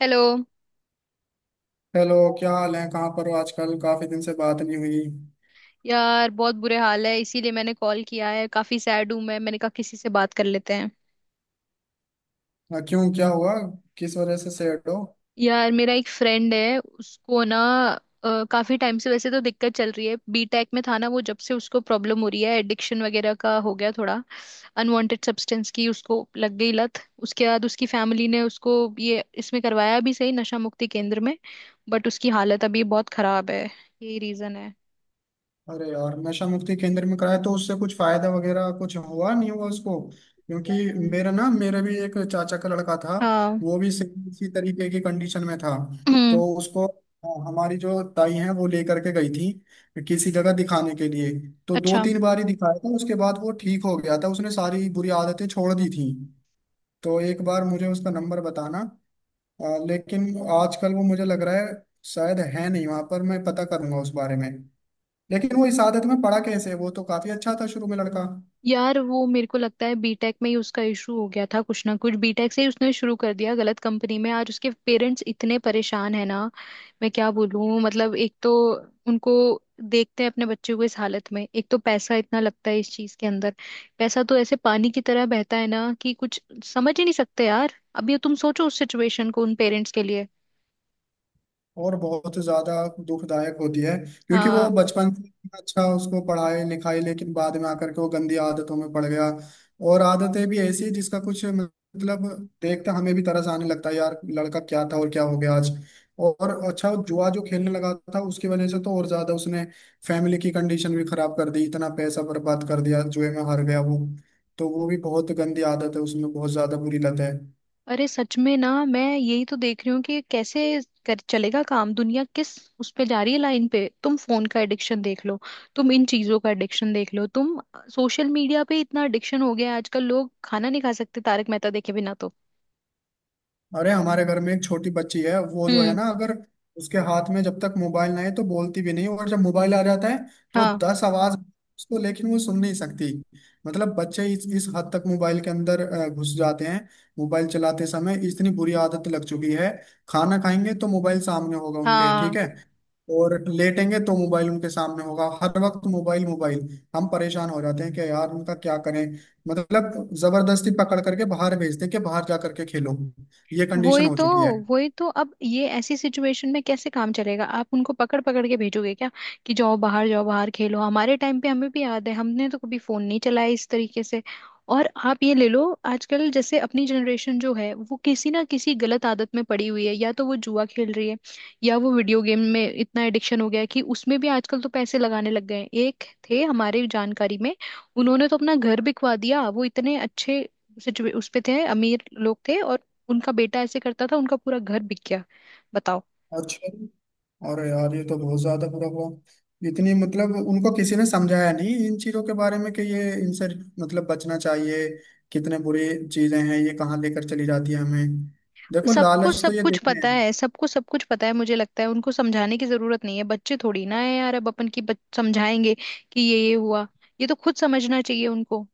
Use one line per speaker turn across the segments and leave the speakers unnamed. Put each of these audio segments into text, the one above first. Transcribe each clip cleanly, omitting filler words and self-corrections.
Hello.
Hello, क्या हाल है? कहाँ पर हो आजकल? काफी दिन से बात नहीं हुई।
यार, बहुत बुरे हाल है इसीलिए मैंने कॉल किया है। काफी सैड हूं मैंने कहा किसी से बात कर लेते हैं।
क्यों, क्या हुआ? किस वजह से सैड हो?
यार, मेरा एक फ्रेंड है उसको ना, काफी टाइम से वैसे तो दिक्कत चल रही है। बीटेक में था ना वो, जब से उसको प्रॉब्लम हो रही है, एडिक्शन वगैरह का हो गया थोड़ा। अनवांटेड सब्सटेंस की उसको लग गई लत। उसके बाद उसकी फैमिली ने उसको ये इसमें करवाया भी, सही नशा मुक्ति केंद्र में। बट उसकी हालत अभी बहुत खराब है। यही रीजन है।
अरे यार, नशा मुक्ति केंद्र में कराया तो उससे कुछ फायदा वगैरह कुछ हुआ नहीं हुआ उसको? क्योंकि मेरा भी एक चाचा का लड़का था।
हाँ।
वो भी सेम इसी तरीके की कंडीशन में था। तो उसको हमारी जो ताई है वो लेकर के गई थी किसी जगह दिखाने के लिए। तो दो
अच्छा,
तीन बार ही दिखाया था, उसके बाद वो ठीक हो गया था। उसने सारी बुरी आदतें छोड़ दी थी। तो एक बार मुझे उसका नंबर बताना। लेकिन आजकल वो मुझे लग रहा है शायद है नहीं वहां पर। मैं पता करूंगा उस बारे में। लेकिन वो इस आदत में पड़ा कैसे? वो तो काफी अच्छा था शुरू में लड़का।
यार वो मेरे को लगता है बीटेक में ही उसका इशू हो गया था। कुछ ना कुछ बीटेक से ही उसने शुरू कर दिया, गलत कंपनी में। आज उसके पेरेंट्स इतने परेशान है ना। मैं क्या बोलूं, मतलब एक तो उनको, देखते हैं अपने बच्चे को इस हालत में। एक तो पैसा इतना लगता है इस चीज के अंदर। पैसा तो ऐसे पानी की तरह बहता है ना, कि कुछ समझ ही नहीं सकते। यार, अभी तुम सोचो उस सिचुएशन को उन पेरेंट्स के लिए।
और बहुत ज्यादा दुखदायक होती है, क्योंकि वो
हाँ।
बचपन से इतना अच्छा, उसको पढ़ाई लिखाई, लेकिन बाद में आकर के वो गंदी आदतों में पड़ गया। और आदतें भी ऐसी हैं जिसका कुछ मतलब देखता, हमें भी तरस आने लगता है। यार, लड़का क्या था और क्या हो गया आज। और अच्छा, जुआ जो खेलने लगा था उसकी वजह से तो और ज्यादा उसने फैमिली की कंडीशन भी खराब कर दी। इतना पैसा बर्बाद कर दिया, जुए में हार गया वो। तो वो भी बहुत गंदी आदत है, उसमें बहुत ज्यादा बुरी लत है।
अरे सच में ना, मैं यही तो देख रही हूँ कि कैसे कर चलेगा काम। दुनिया किस उस पे जा रही है लाइन पे। तुम फोन का एडिक्शन देख लो। तुम इन चीजों का एडिक्शन देख लो। तुम सोशल मीडिया पे इतना एडिक्शन हो गया है, आजकल लोग खाना नहीं खा सकते तारक मेहता देखे बिना तो।
अरे हमारे घर में एक छोटी बच्ची है, वो जो है
हम्म।
ना, अगर उसके हाथ में जब तक मोबाइल ना है तो बोलती भी नहीं, और जब मोबाइल आ जाता है तो
हाँ।
दस आवाज उसको, लेकिन वो सुन नहीं सकती। मतलब बच्चे इस हद तक मोबाइल के अंदर घुस जाते हैं। मोबाइल चलाते समय इतनी बुरी आदत लग चुकी है। खाना खाएंगे तो मोबाइल सामने होगा उनके, ठीक
हाँ।
है? और लेटेंगे तो मोबाइल उनके सामने होगा। हर वक्त मोबाइल मोबाइल। हम परेशान हो जाते हैं कि यार उनका क्या करें। मतलब जबरदस्ती पकड़ करके बाहर भेजते हैं कि बाहर जा करके खेलो। ये कंडीशन
वही
हो
तो।
चुकी है।
वही तो, अब ये ऐसी सिचुएशन में कैसे काम चलेगा? आप उनको पकड़ पकड़ के भेजोगे क्या, कि जाओ बाहर, जाओ बाहर खेलो? हमारे टाइम पे हमें भी याद है, हमने तो कभी फोन नहीं चलाया इस तरीके से। और आप ये ले लो आजकल, जैसे अपनी जनरेशन जो है वो किसी ना किसी गलत आदत में पड़ी हुई है। या तो वो जुआ खेल रही है, या वो वीडियो गेम में इतना एडिक्शन हो गया है कि उसमें भी आजकल तो पैसे लगाने लग गए हैं। एक थे हमारे जानकारी में, उन्होंने तो अपना घर बिकवा दिया। वो इतने अच्छे सिचुए उस पे थे, अमीर लोग थे, और उनका बेटा ऐसे करता था, उनका पूरा घर बिक गया। बताओ।
अच्छा। और यार, ये तो बहुत ज्यादा बुरा हुआ। इतनी, मतलब उनको किसी ने समझाया नहीं इन चीजों के बारे में कि ये इनसे मतलब बचना चाहिए। कितने बुरी चीजें हैं, ये कहाँ लेकर चली जाती है हमें। देखो,
सबको
लालच तो
सब
ये
कुछ
देते हैं।
पता है, सबको सब कुछ पता है। मुझे लगता है उनको समझाने की जरूरत नहीं है, बच्चे थोड़ी ना है यार, अब अपन की समझाएंगे कि ये हुआ। ये तो खुद समझना चाहिए उनको।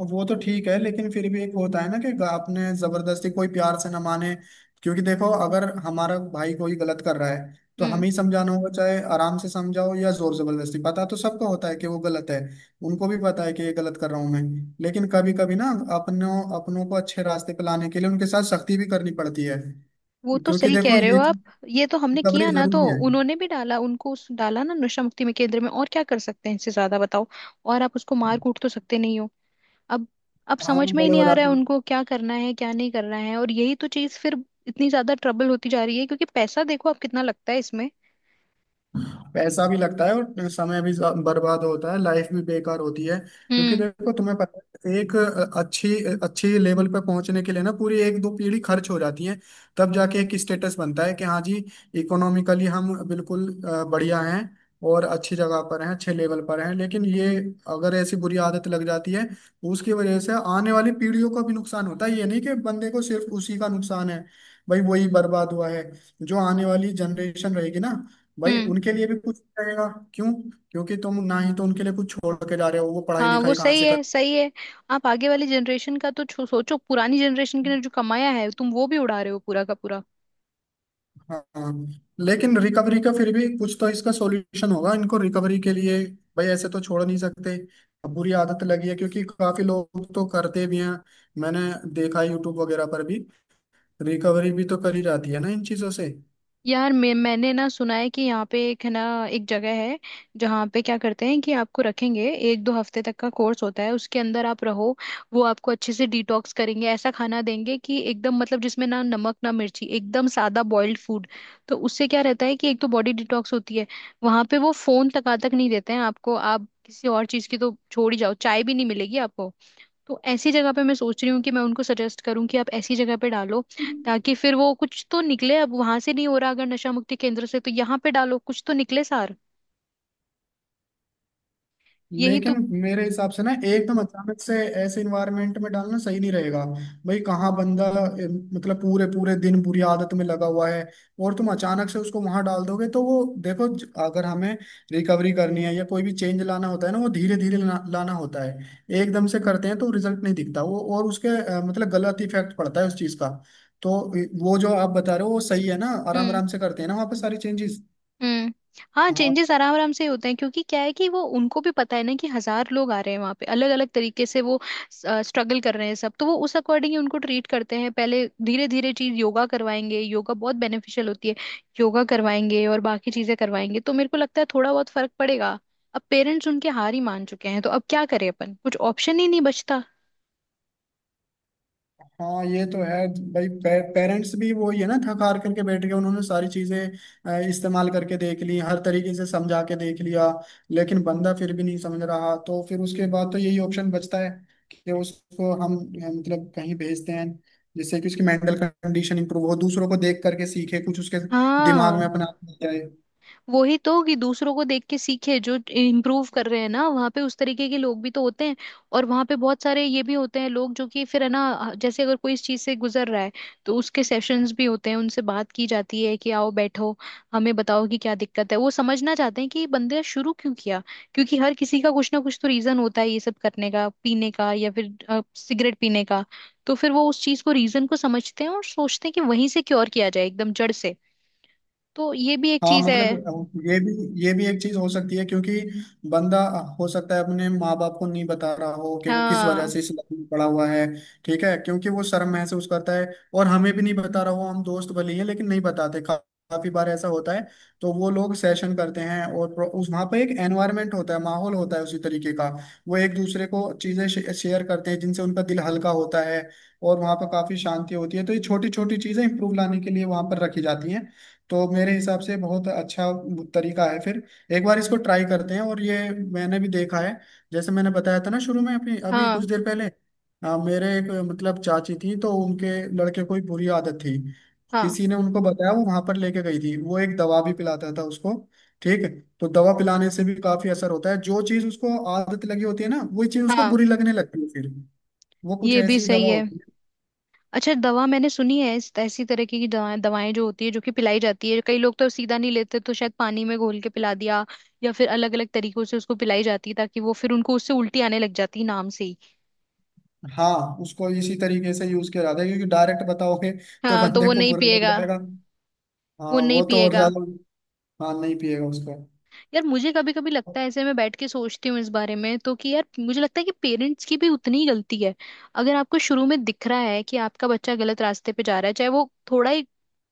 अब वो तो ठीक है, लेकिन फिर भी एक होता है ना कि आपने जबरदस्ती, कोई प्यार से ना माने, क्योंकि देखो, अगर हमारा भाई कोई गलत कर रहा है तो
हम्म।
हमें ही समझाना होगा, चाहे आराम से समझाओ या जोर जबरदस्ती। पता तो सबको होता है कि वो गलत है। उनको भी पता है कि ये गलत कर रहा हूं मैं। लेकिन कभी कभी ना अपनों अपनों को अच्छे रास्ते पे लाने के लिए उनके साथ सख्ती भी करनी पड़ती है।
वो तो
क्योंकि
सही
देखो,
कह रहे हो
ये
आप। ये तो हमने
रिकवरी
किया ना तो,
जरूरी है।
उन्होंने भी डाला उनको डाला ना नशा मुक्ति में केंद्र में। और क्या कर सकते हैं इससे ज्यादा, बताओ? और आप उसको मार कूट तो सकते नहीं हो। अब अब समझ
हम
में ही
बड़े
नहीं
हो
आ रहा
जाते
है
हैं।
उनको क्या करना है क्या नहीं करना है। और यही तो चीज फिर इतनी ज्यादा ट्रबल होती जा रही है, क्योंकि पैसा देखो आप कितना लगता है इसमें।
पैसा भी लगता है और समय भी बर्बाद होता है, लाइफ भी बेकार होती है। क्योंकि
हम्म।
देखो, तुम्हें पता है, एक अच्छी अच्छी लेवल पर पहुंचने के लिए ना पूरी एक दो पीढ़ी खर्च हो जाती है। तब जाके एक स्टेटस बनता है कि हाँ जी, इकोनॉमिकली हम बिल्कुल बढ़िया हैं और अच्छी जगह पर हैं, अच्छे लेवल पर हैं। लेकिन ये, अगर ऐसी बुरी आदत लग जाती है, उसकी वजह से आने वाली पीढ़ियों का भी नुकसान होता है। ये नहीं कि बंदे को सिर्फ उसी का नुकसान है, भाई वही बर्बाद हुआ है। जो आने वाली जनरेशन रहेगी ना, भाई
हम्म।
उनके लिए भी कुछ रहेगा? क्यों? क्योंकि तुम ना ही तो उनके लिए कुछ छोड़ के जा रहे हो। वो पढ़ाई
हाँ, वो
लिखाई कहाँ
सही
से कर।
है, सही है। आप आगे वाली जनरेशन का तो सोचो, पुरानी जनरेशन के ने जो कमाया है तुम वो भी उड़ा रहे हो, पूरा का पूरा।
हाँ हाँ। लेकिन रिकवरी का फिर भी कुछ तो इसका सॉल्यूशन होगा इनको रिकवरी के लिए। भाई ऐसे तो छोड़ नहीं सकते। अब बुरी आदत लगी है, क्योंकि काफी लोग तो करते भी हैं। मैंने देखा यूट्यूब वगैरह पर भी रिकवरी भी तो करी जाती है ना इन चीजों से।
यार, मैंने ना सुना है कि यहाँ पे एक है ना, एक जगह है जहाँ पे क्या करते हैं कि आपको रखेंगे। एक दो हफ्ते तक का कोर्स होता है, उसके अंदर आप रहो। वो आपको अच्छे से डिटॉक्स करेंगे, ऐसा खाना देंगे कि एकदम मतलब जिसमें ना नमक ना मिर्ची, एकदम सादा बॉइल्ड फूड। तो उससे क्या रहता है कि एक तो बॉडी डिटॉक्स होती है। वहां पे वो फोन तक तक नहीं देते हैं आपको। आप किसी और चीज की तो छोड़ ही जाओ, चाय भी नहीं मिलेगी आपको। तो ऐसी जगह पे मैं सोच रही हूँ कि मैं उनको सजेस्ट करूँ कि आप ऐसी जगह पे डालो, ताकि फिर वो कुछ तो निकले। अब वहां से नहीं हो रहा अगर नशा मुक्ति केंद्र से, तो यहाँ पे डालो, कुछ तो निकले सार। यही तो।
लेकिन मेरे हिसाब से ना एकदम अचानक से ऐसे इन्वायरमेंट में डालना सही नहीं रहेगा। भाई कहाँ बंदा ए, मतलब पूरे पूरे दिन बुरी आदत में लगा हुआ है, और तुम अचानक से उसको वहां डाल दोगे तो वो, देखो, अगर हमें रिकवरी करनी है या कोई भी चेंज लाना होता है ना, वो धीरे धीरे लाना होता है। एकदम से करते हैं तो रिजल्ट नहीं दिखता वो, और उसके मतलब गलत इफेक्ट पड़ता है उस चीज का। तो वो जो आप बता रहे हो वो सही है ना, आराम
हम्म।
आराम से करते हैं ना वहाँ पे सारी चेंजेस।
हम्म। हाँ, चेंजेस आराम आराम से होते हैं, क्योंकि क्या है कि वो उनको भी पता है ना कि हजार लोग आ रहे हैं वहां पे अलग अलग तरीके से, वो स्ट्रगल कर रहे हैं सब। तो वो उस अकॉर्डिंग ही उनको ट्रीट करते हैं। पहले धीरे धीरे चीज, योगा करवाएंगे, योगा बहुत बेनिफिशियल होती है। योगा करवाएंगे और बाकी चीजें करवाएंगे, तो मेरे को लगता है थोड़ा बहुत फर्क पड़ेगा। अब पेरेंट्स उनके हार ही मान चुके हैं, तो अब क्या करें अपन, कुछ ऑप्शन ही नहीं बचता।
हाँ ये तो है। भाई पेरेंट्स भी वो ही है ना, थक हार करके बैठ गए। उन्होंने सारी चीजें इस्तेमाल करके देख ली, हर तरीके से समझा के देख लिया, लेकिन बंदा फिर भी नहीं समझ रहा। तो फिर उसके बाद तो यही ऑप्शन बचता है कि उसको हम मतलब कहीं भेजते हैं जिससे कि उसकी मेंटल कंडीशन इंप्रूव हो, दूसरों को देख करके सीखे कुछ, उसके दिमाग में
हाँ।
अपना आप जाए।
वही तो, कि दूसरों को देख के सीखे जो इम्प्रूव कर रहे हैं ना वहाँ पे, उस तरीके के लोग भी तो होते हैं। और वहाँ पे बहुत सारे ये भी होते हैं लोग, जो कि फिर है ना, जैसे अगर कोई इस चीज से गुजर रहा है, तो उसके सेशंस भी होते हैं, उनसे बात की जाती है कि आओ बैठो, हमें बताओ कि क्या दिक्कत है। वो समझना चाहते हैं कि ये बंदे शुरू क्यों किया, क्योंकि हर किसी का कुछ ना कुछ तो रीजन होता है ये सब करने का, पीने का या फिर सिगरेट पीने का। तो फिर वो उस चीज को, रीजन को समझते हैं और सोचते हैं कि वहीं से क्योर किया जाए एकदम जड़ से। तो ये भी एक
हाँ
चीज है।
मतलब, ये भी ये भी एक चीज हो सकती है। क्योंकि बंदा, हो सकता है अपने माँ बाप को नहीं बता रहा हो कि वो किस वजह
हाँ।
से इस लाइन में पड़ा हुआ है। ठीक है, क्योंकि वो शर्म महसूस करता है, और हमें भी नहीं बता रहा हो। हम दोस्त भले ही हैं, लेकिन नहीं बताते काफी बार ऐसा होता है। तो वो लोग सेशन करते हैं और उस वहाँ पे एक एनवायरनमेंट होता है, माहौल होता है उसी तरीके का। वो एक दूसरे को चीजें शेयर करते हैं जिनसे उनका दिल हल्का होता है। और वहाँ पर काफी शांति होती है। तो ये छोटी छोटी चीजें इंप्रूव लाने के लिए वहाँ पर रखी जाती हैं। तो मेरे हिसाब से बहुत अच्छा तरीका है। फिर एक बार इसको ट्राई करते हैं। और ये मैंने भी देखा है, जैसे मैंने बताया था ना शुरू में अपनी, अभी कुछ
हाँ।
देर पहले, मेरे एक मतलब चाची थी, तो उनके लड़के को एक बुरी आदत थी।
हाँ।
किसी ने उनको बताया, वो वहां पर लेके गई थी, वो एक दवा भी पिलाता था उसको। ठीक है। तो दवा पिलाने से भी काफी असर होता है। जो चीज उसको आदत लगी होती है ना, वही चीज उसको
हाँ।
बुरी लगने लगती है फिर। वो कुछ
ये भी
ऐसी
सही
दवा
है।
होती है।
अच्छा, दवा मैंने सुनी है इस ऐसी तरह की, कि दवाएं दवाएं जो होती है जो कि पिलाई जाती है, कई लोग तो सीधा नहीं लेते तो शायद पानी में घोल के पिला दिया, या फिर अलग अलग तरीकों से उसको पिलाई जाती है, ताकि वो फिर उनको उससे उल्टी आने लग जाती है नाम से ही।
हाँ, उसको इसी तरीके से यूज किया जाता है, क्योंकि डायरेक्ट बताओगे तो
हाँ, तो
बंदे
वो
को
नहीं
बुरा लग
पिएगा।
जाएगा। हाँ
वो नहीं
वो तो और
पिएगा।
ज्यादा। हाँ नहीं पिएगा उसको।
यार, मुझे कभी कभी लगता है, ऐसे मैं बैठ के सोचती हूँ इस बारे में, तो कि यार मुझे लगता है कि पेरेंट्स की भी उतनी ही गलती है। अगर आपको शुरू में दिख रहा है कि आपका बच्चा गलत रास्ते पे जा रहा है, चाहे वो थोड़ा ही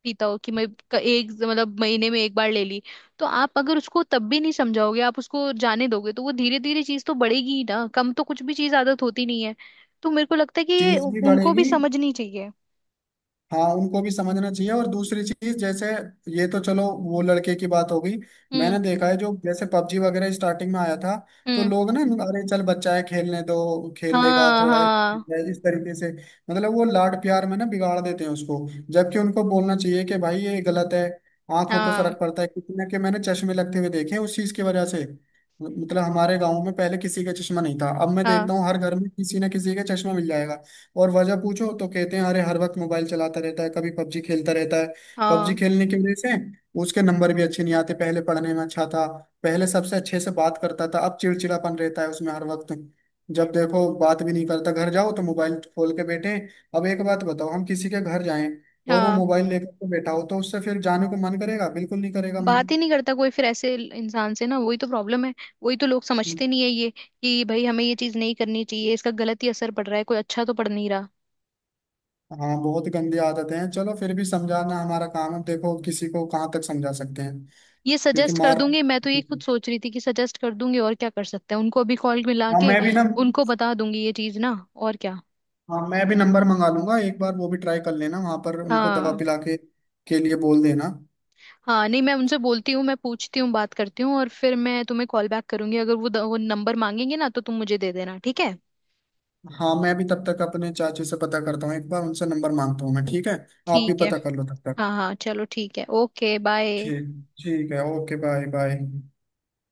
पीता हो कि मैं एक, मतलब महीने में एक बार ले ली। तो आप अगर उसको तब भी नहीं समझाओगे, आप उसको जाने दोगे तो वो धीरे धीरे चीज तो बढ़ेगी ही ना, कम तो कुछ भी चीज आदत होती नहीं है। तो मेरे को लगता है कि ये
चीज भी
उनको भी
बढ़ेगी।
समझनी चाहिए।
हाँ उनको भी समझना चाहिए। और दूसरी चीज जैसे, ये तो चलो वो लड़के की बात हो गई।
हम्म।
मैंने देखा है, जो जैसे पबजी वगैरह स्टार्टिंग में आया था, तो
हम्म।
लोग ना, अरे चल बच्चा है खेलने दो, खेल लेगा
हाँ।
थोड़ा,
हाँ।
इस तरीके से मतलब वो लाड प्यार में ना बिगाड़ देते हैं उसको। जबकि उनको बोलना चाहिए कि भाई ये गलत है। आंखों पे
हाँ।
फर्क पड़ता है। कितने के मैंने चश्मे लगते हुए देखे हैं उस चीज की वजह से। मतलब हमारे गांव में पहले किसी का चश्मा नहीं था, अब मैं
हाँ।
देखता हूँ हर घर में किसी ना किसी का चश्मा मिल जाएगा। और वजह पूछो तो कहते हैं अरे, हर वक्त मोबाइल चलाता रहता है, कभी पबजी खेलता रहता है। पबजी
हाँ।
खेलने की वजह से उसके नंबर भी अच्छे नहीं आते। पहले पढ़ने में अच्छा था, पहले सबसे अच्छे से बात करता था। अब चिड़चिड़ापन रहता है उसमें हर वक्त। जब देखो बात भी नहीं करता, घर जाओ तो मोबाइल खोल के बैठे हैं। अब एक बात बताओ, हम किसी के घर जाएं और वो
हाँ।
मोबाइल लेकर के बैठा हो, तो उससे फिर जाने को मन करेगा? बिल्कुल नहीं करेगा मन।
बात ही नहीं करता कोई फिर ऐसे इंसान से ना, वही तो प्रॉब्लम है। वही तो लोग समझते नहीं है ये, कि भाई हमें ये चीज नहीं करनी चाहिए, इसका गलत ही असर पड़ रहा है, कोई अच्छा तो पड़ नहीं रहा।
हाँ बहुत गंदी आदतें हैं। चलो फिर भी समझाना हमारा काम है, देखो किसी को कहाँ तक समझा सकते हैं।
ये
क्योंकि
सजेस्ट कर
मार,
दूंगी मैं, तो ये खुद सोच रही थी कि सजेस्ट कर दूंगी, और क्या कर सकते हैं, उनको अभी कॉल मिला
हाँ
के
मैं भी ना,
उनको बता दूंगी ये चीज ना, और क्या।
हाँ मैं भी नंबर मंगा लूंगा एक बार। वो भी ट्राई कर लेना वहां पर उनको दवा
हाँ।
पिला के लिए बोल देना।
हाँ नहीं, मैं उनसे बोलती हूँ, मैं पूछती हूँ, बात करती हूँ, और फिर मैं तुम्हें कॉल बैक करूंगी। अगर वो नंबर मांगेंगे ना, तो तुम मुझे दे देना, ठीक है।
हाँ मैं भी तब तक अपने चाचू से पता करता हूँ, एक बार उनसे नंबर मांगता हूँ मैं, ठीक है? आप भी
ठीक है।
पता कर लो तब तक।
हाँ हाँ, चलो ठीक है, ओके बाय।
ठीक। ठीक है, ओके बाय बाय।